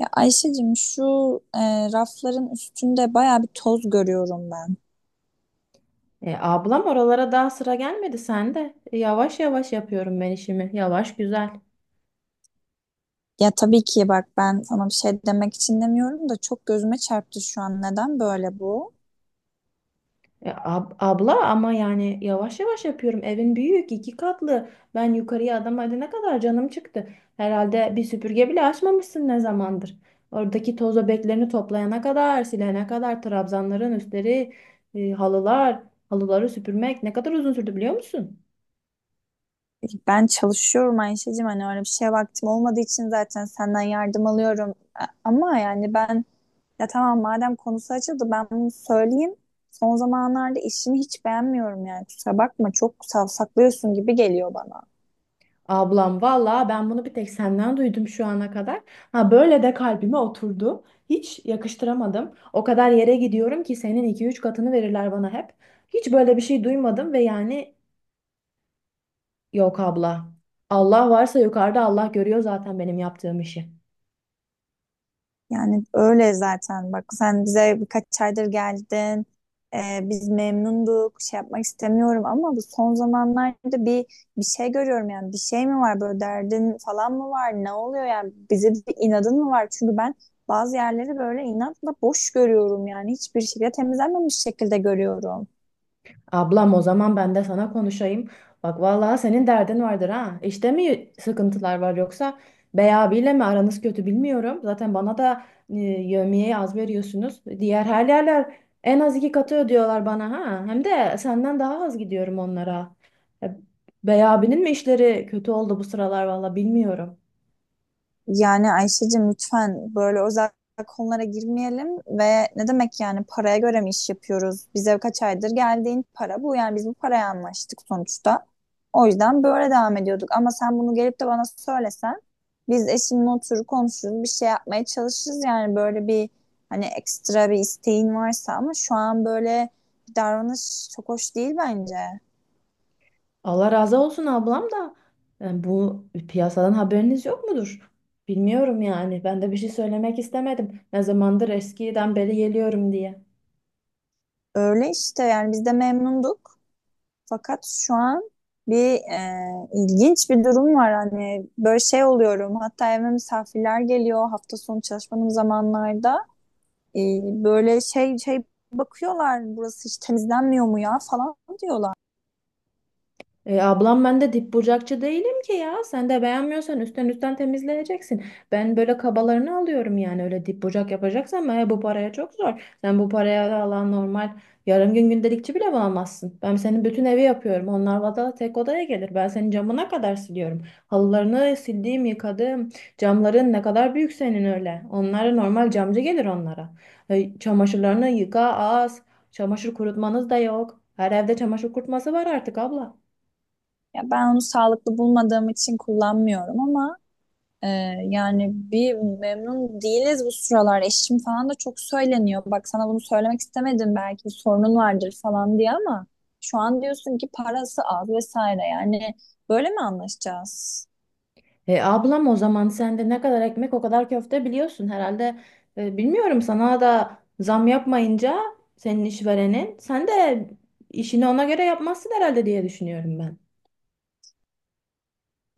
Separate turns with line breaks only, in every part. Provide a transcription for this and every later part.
Ya Ayşe'cim şu rafların üstünde baya bir toz görüyorum ben.
Ablam oralara daha sıra gelmedi sende. Yavaş yavaş yapıyorum ben işimi. Yavaş güzel.
Ya tabii ki bak, ben sana bir şey demek için demiyorum da çok gözüme çarptı şu an. Neden böyle bu?
Abla ama yani yavaş yavaş yapıyorum. Evin büyük, iki katlı. Ben yukarıya adam ne kadar canım çıktı. Herhalde bir süpürge bile açmamışsın ne zamandır. Oradaki toz öbeklerini toplayana kadar, silene kadar trabzanların üstleri, halılar, halıları süpürmek ne kadar uzun sürdü biliyor musun?
Ben çalışıyorum Ayşe'cim, hani öyle bir şeye vaktim olmadığı için zaten senden yardım alıyorum. Ama yani ben, tamam, madem konusu açıldı, ben bunu söyleyeyim. Son zamanlarda işimi hiç beğenmiyorum, yani kusura bakma, çok savsaklıyorsun gibi geliyor bana.
Ablam valla ben bunu bir tek senden duydum şu ana kadar. Ha böyle de kalbime oturdu. Hiç yakıştıramadım. O kadar yere gidiyorum ki senin iki üç katını verirler bana hep. Hiç böyle bir şey duymadım ve yani yok abla. Allah varsa yukarıda Allah görüyor zaten benim yaptığım işi.
Yani öyle zaten, bak sen bize birkaç aydır geldin. Biz memnunduk. Şey yapmak istemiyorum ama bu son zamanlarda bir şey görüyorum, yani bir şey mi var, böyle derdin falan mı var? Ne oluyor yani, bize bir inadın mı var? Çünkü ben bazı yerleri böyle inatla boş görüyorum, yani hiçbir şekilde temizlenmemiş şekilde görüyorum.
Ablam o zaman ben de sana konuşayım. Bak vallahi senin derdin vardır ha. İşte mi sıkıntılar var yoksa Bey abiyle mi aranız kötü bilmiyorum. Zaten bana da yevmiyeyi az veriyorsunuz. Diğer her yerler en az iki katı ödüyorlar bana ha. Hem de senden daha az gidiyorum onlara. E, Bey abinin mi işleri kötü oldu bu sıralar valla bilmiyorum.
Yani Ayşe'cim, lütfen böyle özel konulara girmeyelim. Ve ne demek yani, paraya göre mi iş yapıyoruz? Bize kaç aydır geldiğin para bu, yani biz bu paraya anlaştık sonuçta. O yüzden böyle devam ediyorduk ama sen bunu gelip de bana söylesen, biz eşimle oturur konuşuruz, bir şey yapmaya çalışırız. Yani böyle bir, hani ekstra bir isteğin varsa ama şu an böyle bir davranış çok hoş değil bence.
Allah razı olsun ablam da yani bu piyasadan haberiniz yok mudur? Bilmiyorum yani. Ben de bir şey söylemek istemedim. Ne zamandır eskiden beri geliyorum diye.
Öyle işte, yani biz de memnunduk. Fakat şu an bir ilginç bir durum var. Hani böyle şey oluyorum. Hatta evime misafirler geliyor hafta sonu çalışmanın zamanlarda. E, Böyle şey, bakıyorlar, burası hiç temizlenmiyor mu ya falan diyorlar.
Ablam ben de dip bucakçı değilim ki ya. Sen de beğenmiyorsan üstten üstten temizleyeceksin. Ben böyle kabalarını alıyorum yani. Öyle dip bucak yapacaksan ben bu paraya çok zor. Sen bu paraya alan normal yarım gün gündelikçi bile bulamazsın. Ben senin bütün evi yapıyorum. Onlar vada tek odaya gelir. Ben senin camına kadar siliyorum. Halılarını sildiğim, yıkadım. Camların ne kadar büyük senin öyle. Onlara normal camcı gelir onlara. Çamaşırlarını yıka az. Çamaşır kurutmanız da yok. Her evde çamaşır kurutması var artık abla.
Ya ben onu sağlıklı bulmadığım için kullanmıyorum ama Ee, yani bir memnun değiliz bu sıralar. Eşim falan da çok söyleniyor. Bak, sana bunu söylemek istemedim, belki bir sorunun vardır falan diye, ama şu an diyorsun ki parası az vesaire. Yani böyle mi anlaşacağız?
Ablam o zaman sen de ne kadar ekmek o kadar köfte biliyorsun herhalde. Bilmiyorum, sana da zam yapmayınca senin işverenin, sen de işini ona göre yapmazsın herhalde diye düşünüyorum ben.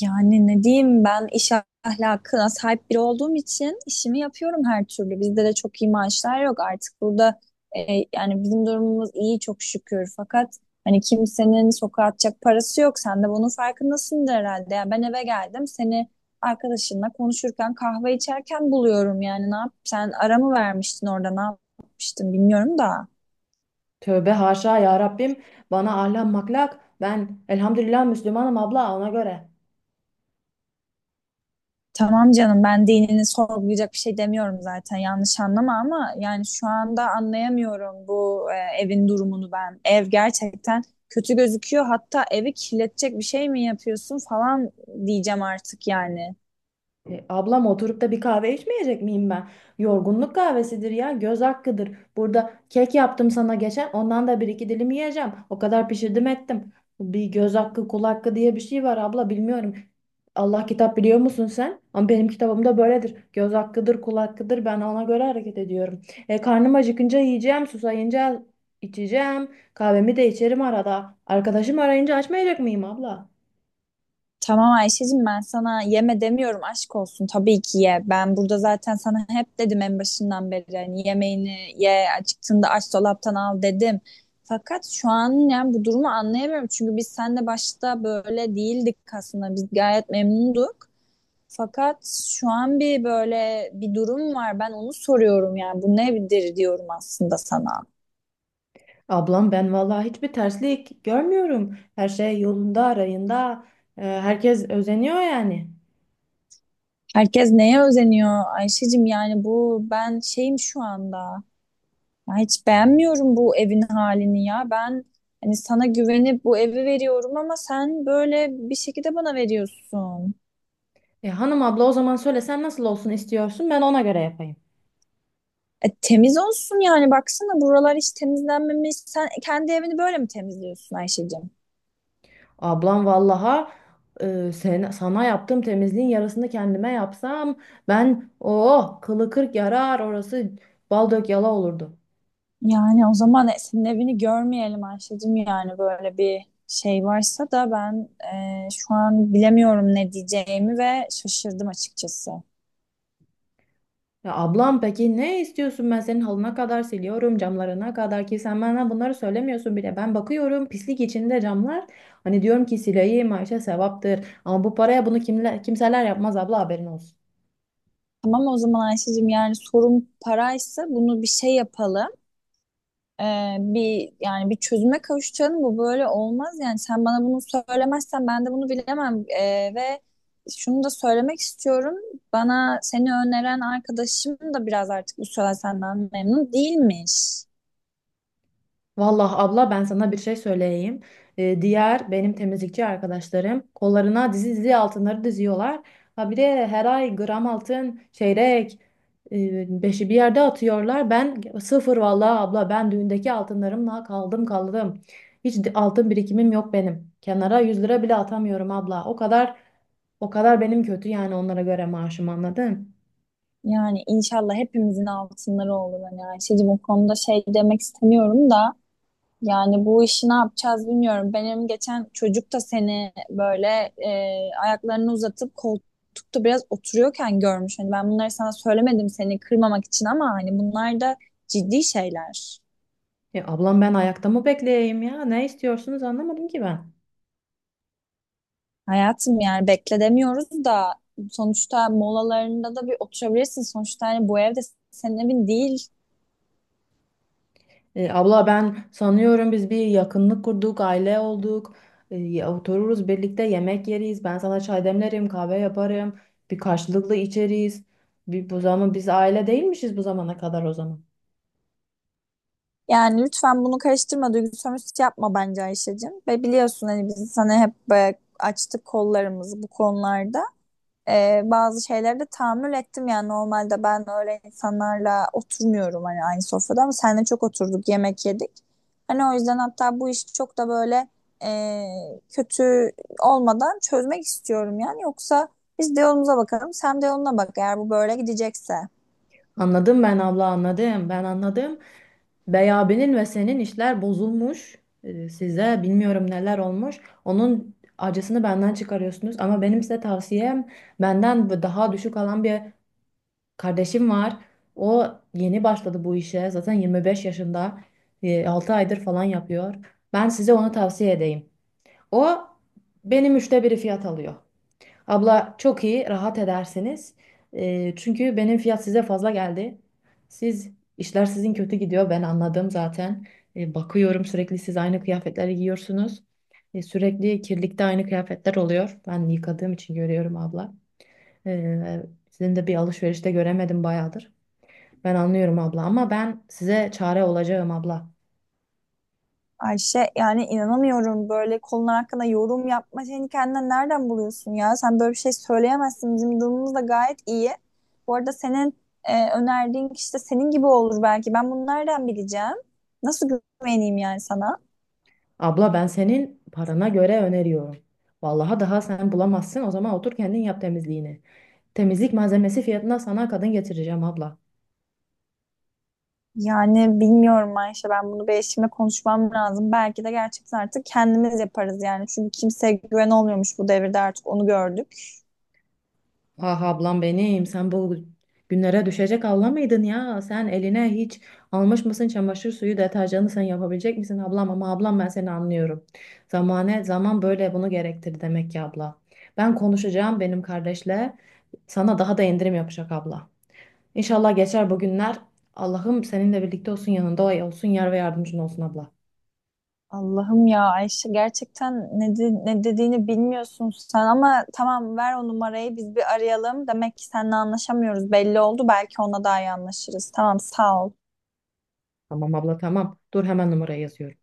Yani ne diyeyim, ben iş ahlakına sahip biri olduğum için işimi yapıyorum her türlü. Bizde de çok iyi maaşlar yok artık burada, e, yani bizim durumumuz iyi çok şükür. Fakat hani kimsenin sokağa atacak parası yok. Sen de bunun farkındasındır herhalde. Yani ben eve geldim, seni arkadaşınla konuşurken, kahve içerken buluyorum. Yani ne yap, sen ara mı vermiştin orada, ne yapmıştın bilmiyorum da.
Tövbe haşa ya Rabbim, bana ahlak maklak, ben elhamdülillah Müslümanım abla, ona göre.
Tamam canım, ben dinini sorgulayacak bir şey demiyorum zaten, yanlış anlama, ama yani şu anda anlayamıyorum bu evin durumunu ben. Ev gerçekten kötü gözüküyor, hatta evi kirletecek bir şey mi yapıyorsun falan diyeceğim artık yani.
Ablam oturup da bir kahve içmeyecek miyim ben? Yorgunluk kahvesidir ya, göz hakkıdır. Burada kek yaptım sana geçen, ondan da bir iki dilim yiyeceğim. O kadar pişirdim ettim. Bir göz hakkı, kul hakkı diye bir şey var abla, bilmiyorum. Allah kitap biliyor musun sen? Ama benim kitabımda böyledir. Göz hakkıdır, kul hakkıdır. Ben ona göre hareket ediyorum. Karnım acıkınca yiyeceğim, susayınca içeceğim. Kahvemi de içerim arada. Arkadaşım arayınca açmayacak mıyım abla?
Tamam Ayşe'cim, ben sana yeme demiyorum, aşk olsun, tabii ki ye. Ben burada zaten sana hep dedim en başından beri, hani yemeğini ye, acıktığında aç dolaptan al dedim. Fakat şu an yani bu durumu anlayamıyorum, çünkü biz seninle başta böyle değildik, aslında biz gayet memnunduk. Fakat şu an bir böyle bir durum var, ben onu soruyorum, yani bu nedir diyorum aslında sana.
Ablam ben vallahi hiçbir terslik görmüyorum. Her şey yolunda, arayında. Herkes özeniyor yani.
Herkes neye özeniyor Ayşe'cim, yani bu ben şeyim şu anda. Ya hiç beğenmiyorum bu evin halini ya. Ben hani sana güvenip bu evi veriyorum ama sen böyle bir şekilde bana veriyorsun.
Hanım abla, o zaman söyle sen nasıl olsun istiyorsun, ben ona göre yapayım.
Temiz olsun yani, baksana buralar hiç temizlenmemiş. Sen kendi evini böyle mi temizliyorsun Ayşe'cim?
Ablam vallaha, sana yaptığım temizliğin yarısını kendime yapsam, ben o kılı kırk yarar, orası bal dök yala olurdu.
Yani o zaman senin evini görmeyelim Ayşe'cim. Yani böyle bir şey varsa da ben, şu an bilemiyorum ne diyeceğimi ve şaşırdım açıkçası.
Ya ablam, peki ne istiyorsun? Ben senin halına kadar siliyorum, camlarına kadar, ki sen bana bunları söylemiyorsun bile. Ben bakıyorum pislik içinde camlar. Hani diyorum ki sileyim Ayşe, sevaptır. Ama bu paraya bunu kimler kimseler yapmaz abla, haberin olsun.
Tamam o zaman Ayşe'cim, yani sorun paraysa bunu bir şey yapalım. e, Bir yani bir çözüme kavuşacağını, bu böyle olmaz, yani sen bana bunu söylemezsen ben de bunu bilemem. Ve şunu da söylemek istiyorum, bana seni öneren arkadaşım da biraz artık bu süre senden memnun değilmiş.
Vallahi abla, ben sana bir şey söyleyeyim. Diğer benim temizlikçi arkadaşlarım kollarına dizi dizi altınları diziyorlar. Ha bir de her ay gram altın, çeyrek, beşi bir yerde atıyorlar. Ben sıfır vallahi abla, ben düğündeki altınlarımla kaldım. Altın birikimim yok benim. Kenara 100 lira bile atamıyorum abla. O kadar benim kötü yani onlara göre maaşım, anladın?
Yani inşallah hepimizin altınları olur. Hani Ayşe'cim o konuda şey demek istemiyorum da, yani bu işi ne yapacağız bilmiyorum. Benim geçen çocuk da seni böyle e, ayaklarını uzatıp koltukta biraz oturuyorken görmüş. Hani ben bunları sana söylemedim seni kırmamak için, ama hani bunlar da ciddi şeyler.
Ablam, ben ayakta mı bekleyeyim ya? Ne istiyorsunuz anlamadım ki ben.
Hayatım, yani bekle demiyoruz da, sonuçta molalarında da bir oturabilirsin. Sonuçta hani bu evde, senin evin değil.
Abla ben sanıyorum biz bir yakınlık kurduk, aile olduk. Otururuz birlikte yemek yeriz. Ben sana çay demlerim, kahve yaparım. Bir karşılıklı içeriz. Bir, bu zaman biz aile değilmişiz bu zamana kadar o zaman.
Yani lütfen bunu karıştırma, duygusal sömürüsü yapma bence Ayşe'cim. Ve biliyorsun hani biz sana hep böyle açtık kollarımızı bu konularda. Bazı şeyleri de tahammül ettim, yani normalde ben öyle insanlarla oturmuyorum hani aynı sofrada, ama seninle çok oturduk yemek yedik. Hani o yüzden hatta bu işi çok da böyle e, kötü olmadan çözmek istiyorum. Yani yoksa biz de yolumuza bakalım, sen de yoluna bak, eğer bu böyle gidecekse.
Anladım ben abla, anladım. Ben anladım. Bey abinin ve senin işler bozulmuş. Size bilmiyorum neler olmuş. Onun acısını benden çıkarıyorsunuz ama benim size tavsiyem, benden daha düşük alan bir kardeşim var. O yeni başladı bu işe. Zaten 25 yaşında. 6 aydır falan yapıyor. Ben size onu tavsiye edeyim. O benim 1/3 fiyat alıyor. Abla çok iyi, rahat edersiniz. Çünkü benim fiyat size fazla geldi. Siz işler sizin kötü gidiyor. Ben anladım zaten. Bakıyorum sürekli siz aynı kıyafetleri giyiyorsunuz. Sürekli kirlikte aynı kıyafetler oluyor. Ben yıkadığım için görüyorum abla. E, Sizin de bir alışverişte göremedim bayağıdır. Ben anlıyorum abla, ama ben size çare olacağım abla.
Ayşe yani inanamıyorum, böyle kolun hakkında yorum yapma, seni kendinden nereden buluyorsun ya? Sen böyle bir şey söyleyemezsin. Bizim durumumuz da gayet iyi. Bu arada senin önerdiğin kişi de senin gibi olur belki. Ben bunu nereden bileceğim? Nasıl güveneyim yani sana?
Abla ben senin parana göre öneriyorum. Vallahi daha sen bulamazsın, o zaman otur kendin yap temizliğini. Temizlik malzemesi fiyatına sana kadın getireceğim abla.
Yani bilmiyorum Ayşe, ben bunu bir eşimle konuşmam lazım. Belki de gerçekten artık kendimiz yaparız yani. Çünkü kimseye güven olmuyormuş bu devirde artık, onu gördük.
Ah ablam benim, sen bu günlere düşecek abla mıydın ya? Sen eline hiç almış mısın çamaşır suyu deterjanı, sen yapabilecek misin ablam? Ama ablam, ben seni anlıyorum. Zamane zaman böyle bunu gerektir demek ki abla. Ben konuşacağım benim kardeşle, sana daha da indirim yapacak abla. İnşallah geçer bu günler. Allah'ım seninle birlikte olsun, yanında olsun, yar ve yardımcın olsun abla.
Allah'ım, ya Ayşe gerçekten ne dediğini bilmiyorsun sen, ama tamam, ver o numarayı, biz bir arayalım. Demek ki seninle anlaşamıyoruz belli oldu, belki ona daha iyi anlaşırız. Tamam, sağ ol.
Tamam abla, tamam. Dur hemen numarayı yazıyorum.